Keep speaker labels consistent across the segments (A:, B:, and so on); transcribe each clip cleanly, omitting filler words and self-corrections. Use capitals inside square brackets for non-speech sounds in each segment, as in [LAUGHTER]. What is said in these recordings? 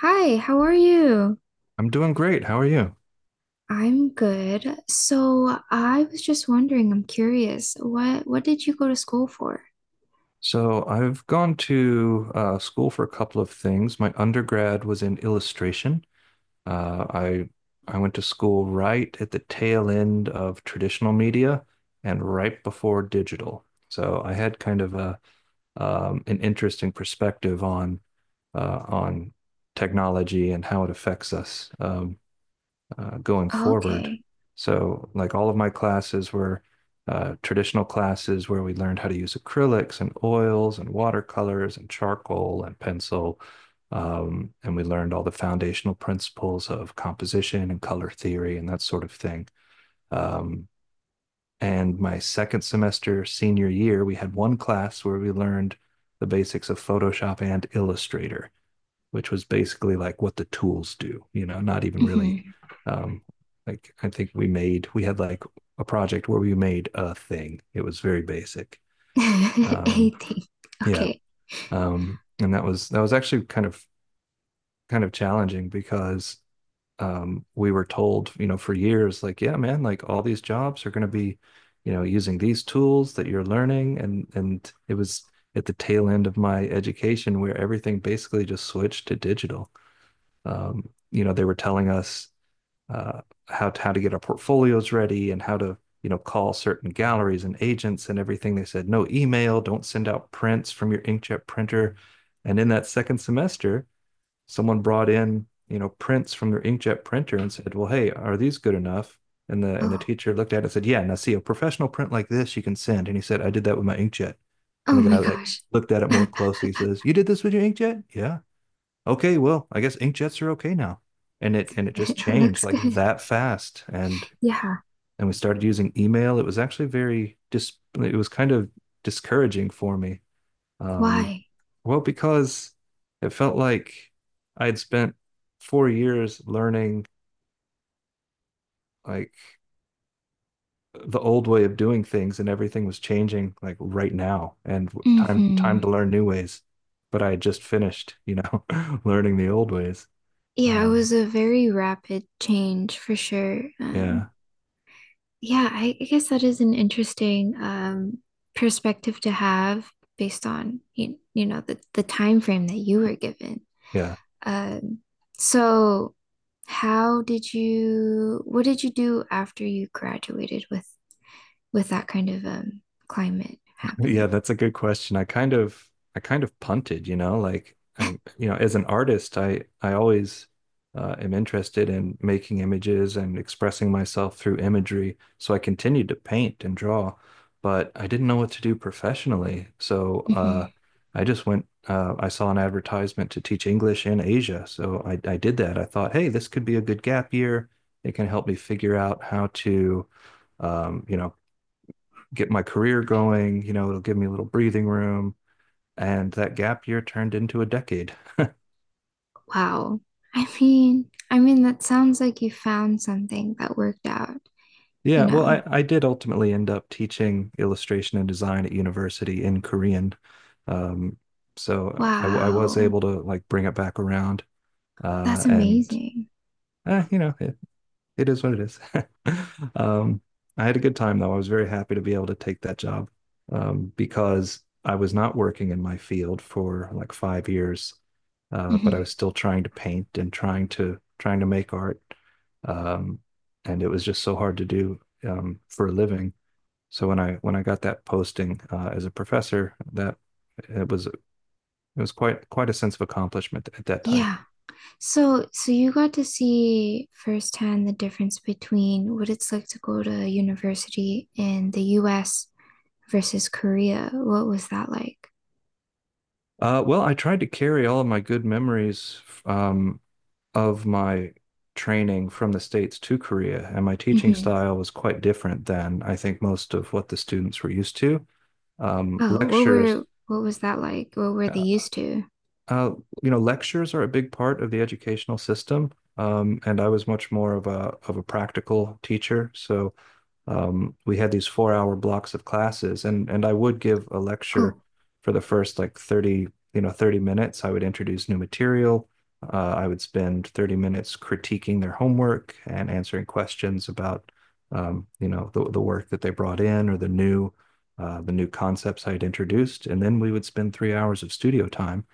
A: Hi, how are you?
B: I'm doing great. How are you?
A: I'm good. So I was just wondering, I'm curious, what did you go to school for?
B: So I've gone to school for a couple of things. My undergrad was in illustration. Uh, I I went to school right at the tail end of traditional media and right before digital. So I had kind of a an interesting perspective on technology and how it affects us. Going forward.
A: Okay.
B: So, like, all of my classes were traditional classes where we learned how to use acrylics and oils and watercolors and charcoal and pencil. And we learned all the foundational principles of composition and color theory and that sort of thing. Um, and my second semester, senior year, we had one class where we learned the basics of Photoshop and Illustrator, which was basically like what the tools do, not even really
A: Hmm.
B: um like, I think we had like a project where we made a thing. It was very basic.
A: [LAUGHS]
B: Um
A: Anything.
B: yeah.
A: Okay.
B: And that was actually kind of challenging, because we were told, for years, like, yeah man, like all these jobs are going to be, using these tools that you're learning, and it was at the tail end of my education where everything basically just switched to digital. They were telling us uh, how to get our portfolios ready, and how to call certain galleries and agents and everything. They said no email, don't send out prints from your inkjet printer. And in that second semester, someone brought in prints from their inkjet printer and said, well, hey, are these good enough? And the
A: Oh.
B: teacher looked at it and said, yeah. Now see, a professional print like this you can send. And he said, I did that with my inkjet.
A: Oh
B: And the
A: my
B: guy, like,
A: gosh.
B: looked at it more
A: [LAUGHS]
B: closely. He says, you did this with your inkjet? Yeah, okay, well, I guess inkjets are okay now. And it just
A: It
B: changed
A: looks
B: like
A: good.
B: that fast. And
A: Yeah.
B: and we started using email. It was actually very dis it was kind of discouraging for me. Um,
A: Why?
B: well, because it felt like I had spent 4 years learning, like, the old way of doing things, and everything was changing like right now, and time
A: Hmm.
B: to learn new ways. But I had just finished, [LAUGHS] learning the old ways.
A: Yeah, it
B: Um,
A: was a very rapid change for sure.
B: yeah,
A: Yeah, I guess that is an interesting perspective to have based on you know, the time frame that you were given.
B: yeah.
A: Um, so how did you what did you do after you graduated with that kind of climate
B: Yeah,
A: happening? [LAUGHS]
B: that's a good question. I kind of punted, like as an artist, I always am interested in making images and expressing myself through imagery. So I continued to paint and draw, but I didn't know what to do professionally. So
A: Mhm.
B: I just went. I saw an advertisement to teach English in Asia, so I did that. I thought, hey, this could be a good gap year. It can help me figure out how to um, you know, get my career going. It'll give me a little breathing room. And that gap year turned into a decade.
A: Wow. I mean that sounds like you found something that worked out, you
B: Yeah, well,
A: know.
B: I did ultimately end up teaching illustration and design at university in Korean. Um, so I was
A: Wow.
B: able to, like, bring it back around.
A: That's
B: And,
A: amazing.
B: eh, you know, It is what it is. [LAUGHS] Um, I had a good time though. I was very happy to be able to take that job, because I was not working in my field for like 5 years, but I was
A: Mhm.
B: still trying to paint and trying to make art, um, and it was just so hard to do, for a living. So when I got that posting as a professor, that it was quite a sense of accomplishment at that time.
A: Yeah. So, so you got to see firsthand the difference between what it's like to go to university in the US versus Korea. What was that like?
B: Well, I tried to carry all of my good memories um, of my training from the States to Korea, and my teaching
A: Hmm.
B: style was quite different than I think most of what the students were used to. Um,
A: Oh, what
B: lectures,
A: were what was that like? What were they
B: uh,
A: used to?
B: uh, lectures are a big part of the educational system, and I was much more of a practical teacher. So we had these 4-hour blocks of classes, and I would give a lecture
A: Oh,
B: for the first, like, 30, 30 minutes. I would introduce new material. I would spend 30 minutes critiquing their homework and answering questions about the work that they brought in, or the new concepts I had introduced. And then we would spend 3 hours of studio time,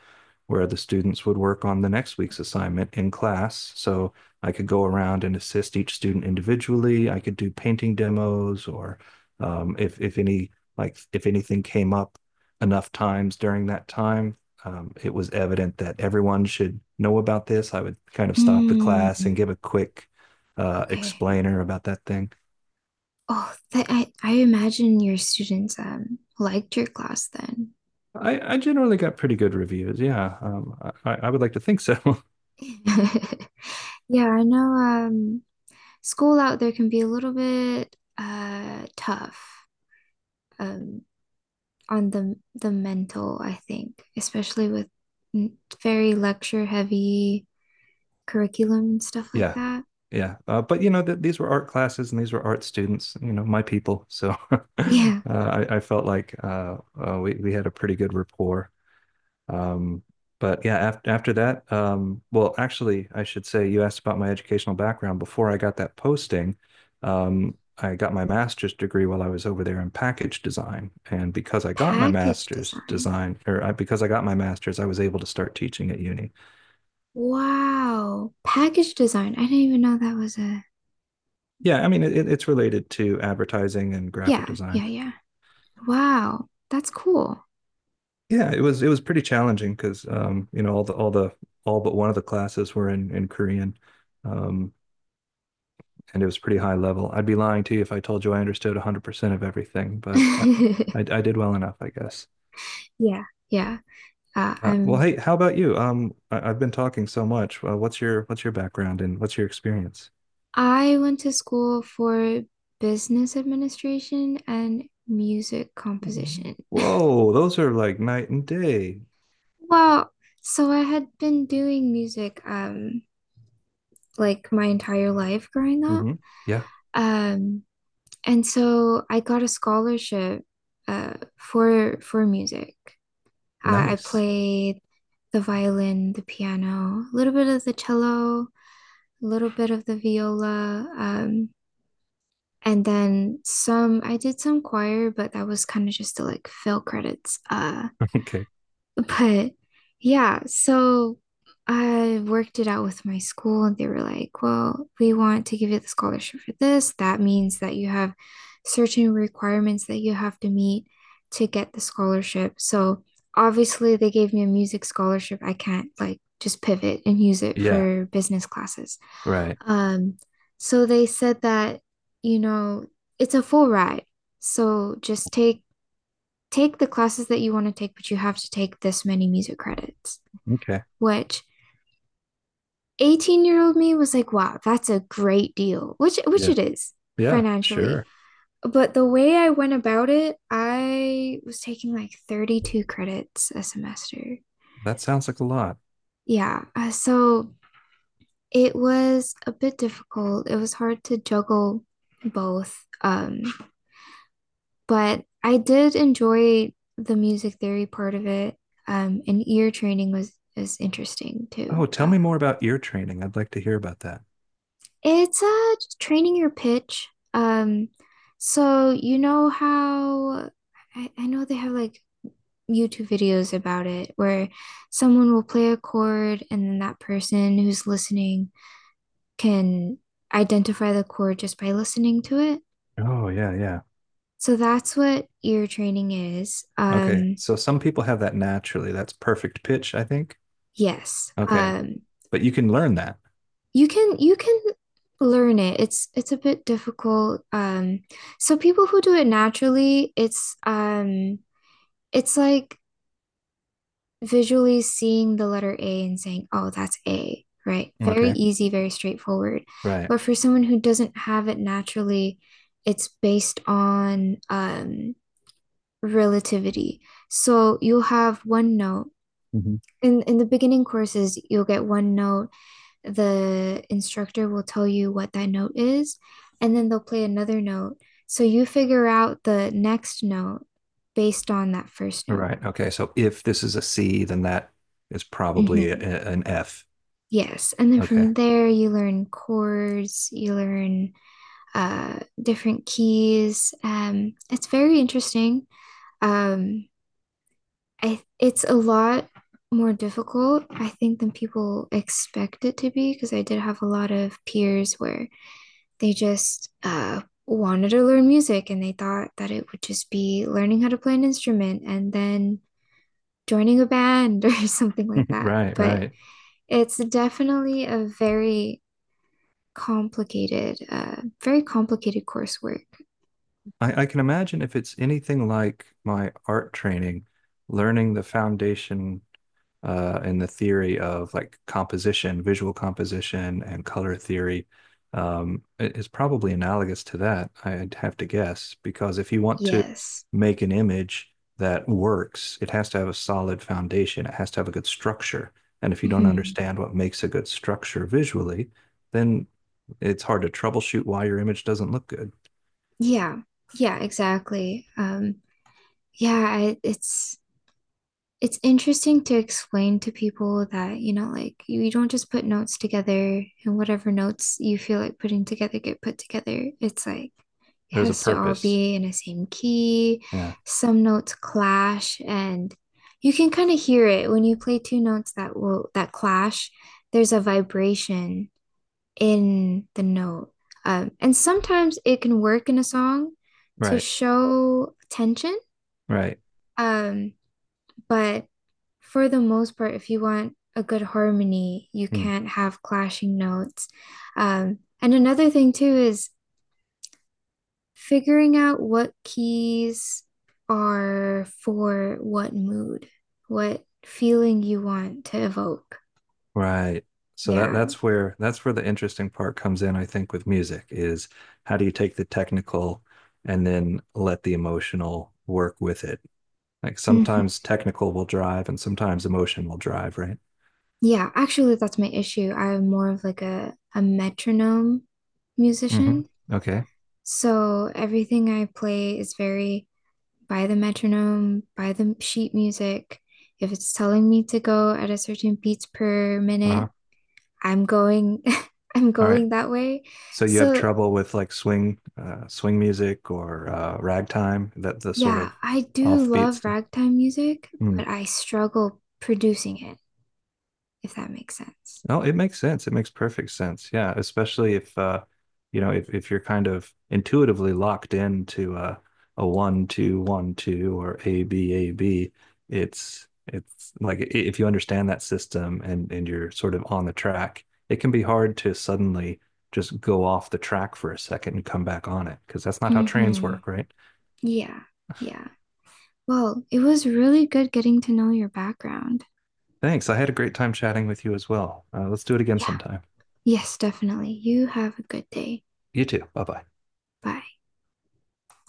B: where the students would work on the next week's assignment in class. So I could go around and assist each student individually. I could do painting demos, or if any like, if anything came up enough times during that time, it was evident that everyone should know about this, I would kind of stop the class
A: mm,
B: and give a quick
A: okay.
B: explainer about that thing.
A: Oh, that. I imagine your students liked your class then.
B: I generally got pretty good reviews. Yeah, I would like to think so. [LAUGHS]
A: [LAUGHS] Yeah, I know school out there can be a little bit tough. Um on the mental, I think, especially with very lecture heavy curriculum and stuff like
B: Yeah,
A: that.
B: yeah. But you know that these were art classes, and these were art students, my people. So [LAUGHS] uh,
A: Yeah,
B: I, I felt like we had a pretty good rapport. Um, but yeah, after that, well, actually, I should say, you asked about my educational background. Before I got that posting, I got my master's degree while I was over there in package design. And
A: package design.
B: because I got my master's, I was able to start teaching at uni.
A: Wow. Package design. I didn't even know that was a
B: Yeah, I mean, it's related to advertising and graphic
A: yeah,
B: design.
A: yeah, yeah. Wow. That's cool.
B: Yeah, it was pretty challenging, because all but one of the classes were in Korean, um, and it was pretty high level. I'd be lying to you if I told you I understood 100% of everything, but I, I,
A: [LAUGHS]
B: I did well enough, I guess.
A: Yeah, yeah. Uh,
B: Well,
A: I'm
B: hey, how about you? I've been talking so much. What's your background, and what's your experience?
A: I went to school for business administration and music composition.
B: Whoa, those are like night and day.
A: [LAUGHS] Well, so I had been doing music like my entire life growing up.
B: Hmm. Yeah,
A: Um, and so I got a scholarship for music. I
B: nice.
A: played the violin, the piano, a little bit of the cello, a little bit of the viola, and then some. I did some choir, but that was kind of just to like fill credits. Uh,
B: [LAUGHS] Okay.
A: But yeah, so I worked it out with my school, and they were like, well, we want to give you the scholarship for this. That means that you have certain requirements that you have to meet to get the scholarship. So obviously, they gave me a music scholarship. I can't like just pivot and use it
B: Yeah,
A: for business classes.
B: right.
A: Um, so they said that, you know, it's a full ride. So just take the classes that you want to take, but you have to take this many music credits,
B: Okay.
A: which 18-year-old year old me was like, wow, that's a great deal, which
B: Yeah,
A: it is
B: yeah,
A: financially.
B: sure.
A: But the way I went about it, I was taking like 32 credits a semester.
B: That sounds like a lot.
A: Yeah, so it was a bit difficult. It was hard to juggle both. Um, But I did enjoy the music theory part of it. And ear training was is interesting too.
B: Oh, tell me more about ear training. I'd like to hear about that.
A: It's training your pitch. Um, so you know how I know they have like YouTube videos about it where someone will play a chord and then that person who's listening can identify the chord just by listening to it.
B: Oh, yeah, yeah.
A: So that's what ear training is.
B: Okay. So some people have that naturally. That's perfect pitch, I think.
A: Yes.
B: Okay. But you can learn that.
A: You can learn it. It's a bit difficult. So people who do it naturally, it's like visually seeing the letter A and saying, "Oh, that's A," right? Very
B: Okay.
A: easy, very straightforward.
B: Right.
A: But for someone who doesn't have it naturally, it's based on relativity. So you'll have one note.
B: Mhm.
A: In the beginning courses, you'll get one note the instructor will tell you what that note is, and then they'll play another note. So you figure out the next note based on that first note.
B: Right. Okay. So if this is a C, then that is probably a,
A: Hmm.
B: an F.
A: Yes. And then
B: Okay.
A: from there, you learn chords, you learn different keys. It's very interesting. Um, it's a lot more difficult, I think, than people expect it to be because I did have a lot of peers where they just wanted to learn music and they thought that it would just be learning how to play an instrument and then joining a band [LAUGHS] or something like
B: [LAUGHS]
A: that.
B: Right,
A: But
B: right.
A: it's definitely a very complicated coursework.
B: I can imagine, if it's anything like my art training, learning the foundation, in the theory of, like, composition, visual composition, and color theory, it's probably analogous to that, I'd have to guess, because if you want to
A: Yes.
B: make an image that works, it has to have a solid foundation, it has to have a good structure. And if you don't
A: Hmm.
B: understand what makes a good structure visually, then it's hard to troubleshoot why your image doesn't look good.
A: Yeah. Yeah, exactly. It's interesting to explain to people that, you know, like don't just put notes together and whatever notes you feel like putting together get put together. It's like it
B: There's a
A: has to all
B: purpose.
A: be in the same key.
B: Yeah.
A: Some notes clash and you can kind of hear it when you play two notes that clash. There's a vibration in the note. And sometimes it can work in a song to
B: Right.
A: show tension.
B: Right.
A: Um, but for the most part, if you want a good harmony, you
B: Hmm.
A: can't have clashing notes. And another thing too is figuring out what keys are for what mood, what feeling you want to evoke.
B: Right. So that
A: Yeah.
B: that's where that's where the interesting part comes in, I think, with music is, how do you take the technical and then let the emotional work with it? Like,
A: Mhm.
B: sometimes technical will drive and sometimes emotion will drive, right?
A: Yeah, actually, that's my issue. I'm more of like a metronome
B: Mm-hmm.
A: musician.
B: Okay.
A: So everything I play is very by the metronome, by the sheet music. If it's telling me to go at a certain beats per minute,
B: Uh-huh.
A: I'm going [LAUGHS] I'm
B: All right.
A: going that way.
B: So you have
A: So,
B: trouble with, like, swing music, or ragtime, that the sort
A: yeah,
B: of
A: I do
B: offbeat
A: love
B: stuff.
A: ragtime music, but I struggle producing it, if that makes sense.
B: No, it makes sense. It makes perfect sense. Yeah, especially if you're kind of intuitively locked into a one, two, one, two, or A, B, A, B, it's like, if you understand that system, and you're sort of on the track, it can be hard to suddenly just go off the track for a second and come back on it, because that's not how trains
A: Mhm.
B: work, right?
A: Yeah. Yeah. Well, it was really good getting to know your background.
B: Thanks. I had a great time chatting with you as well. Let's do it again
A: Yeah.
B: sometime.
A: Yes, definitely. You have a good day.
B: You too. Bye bye.
A: Bye.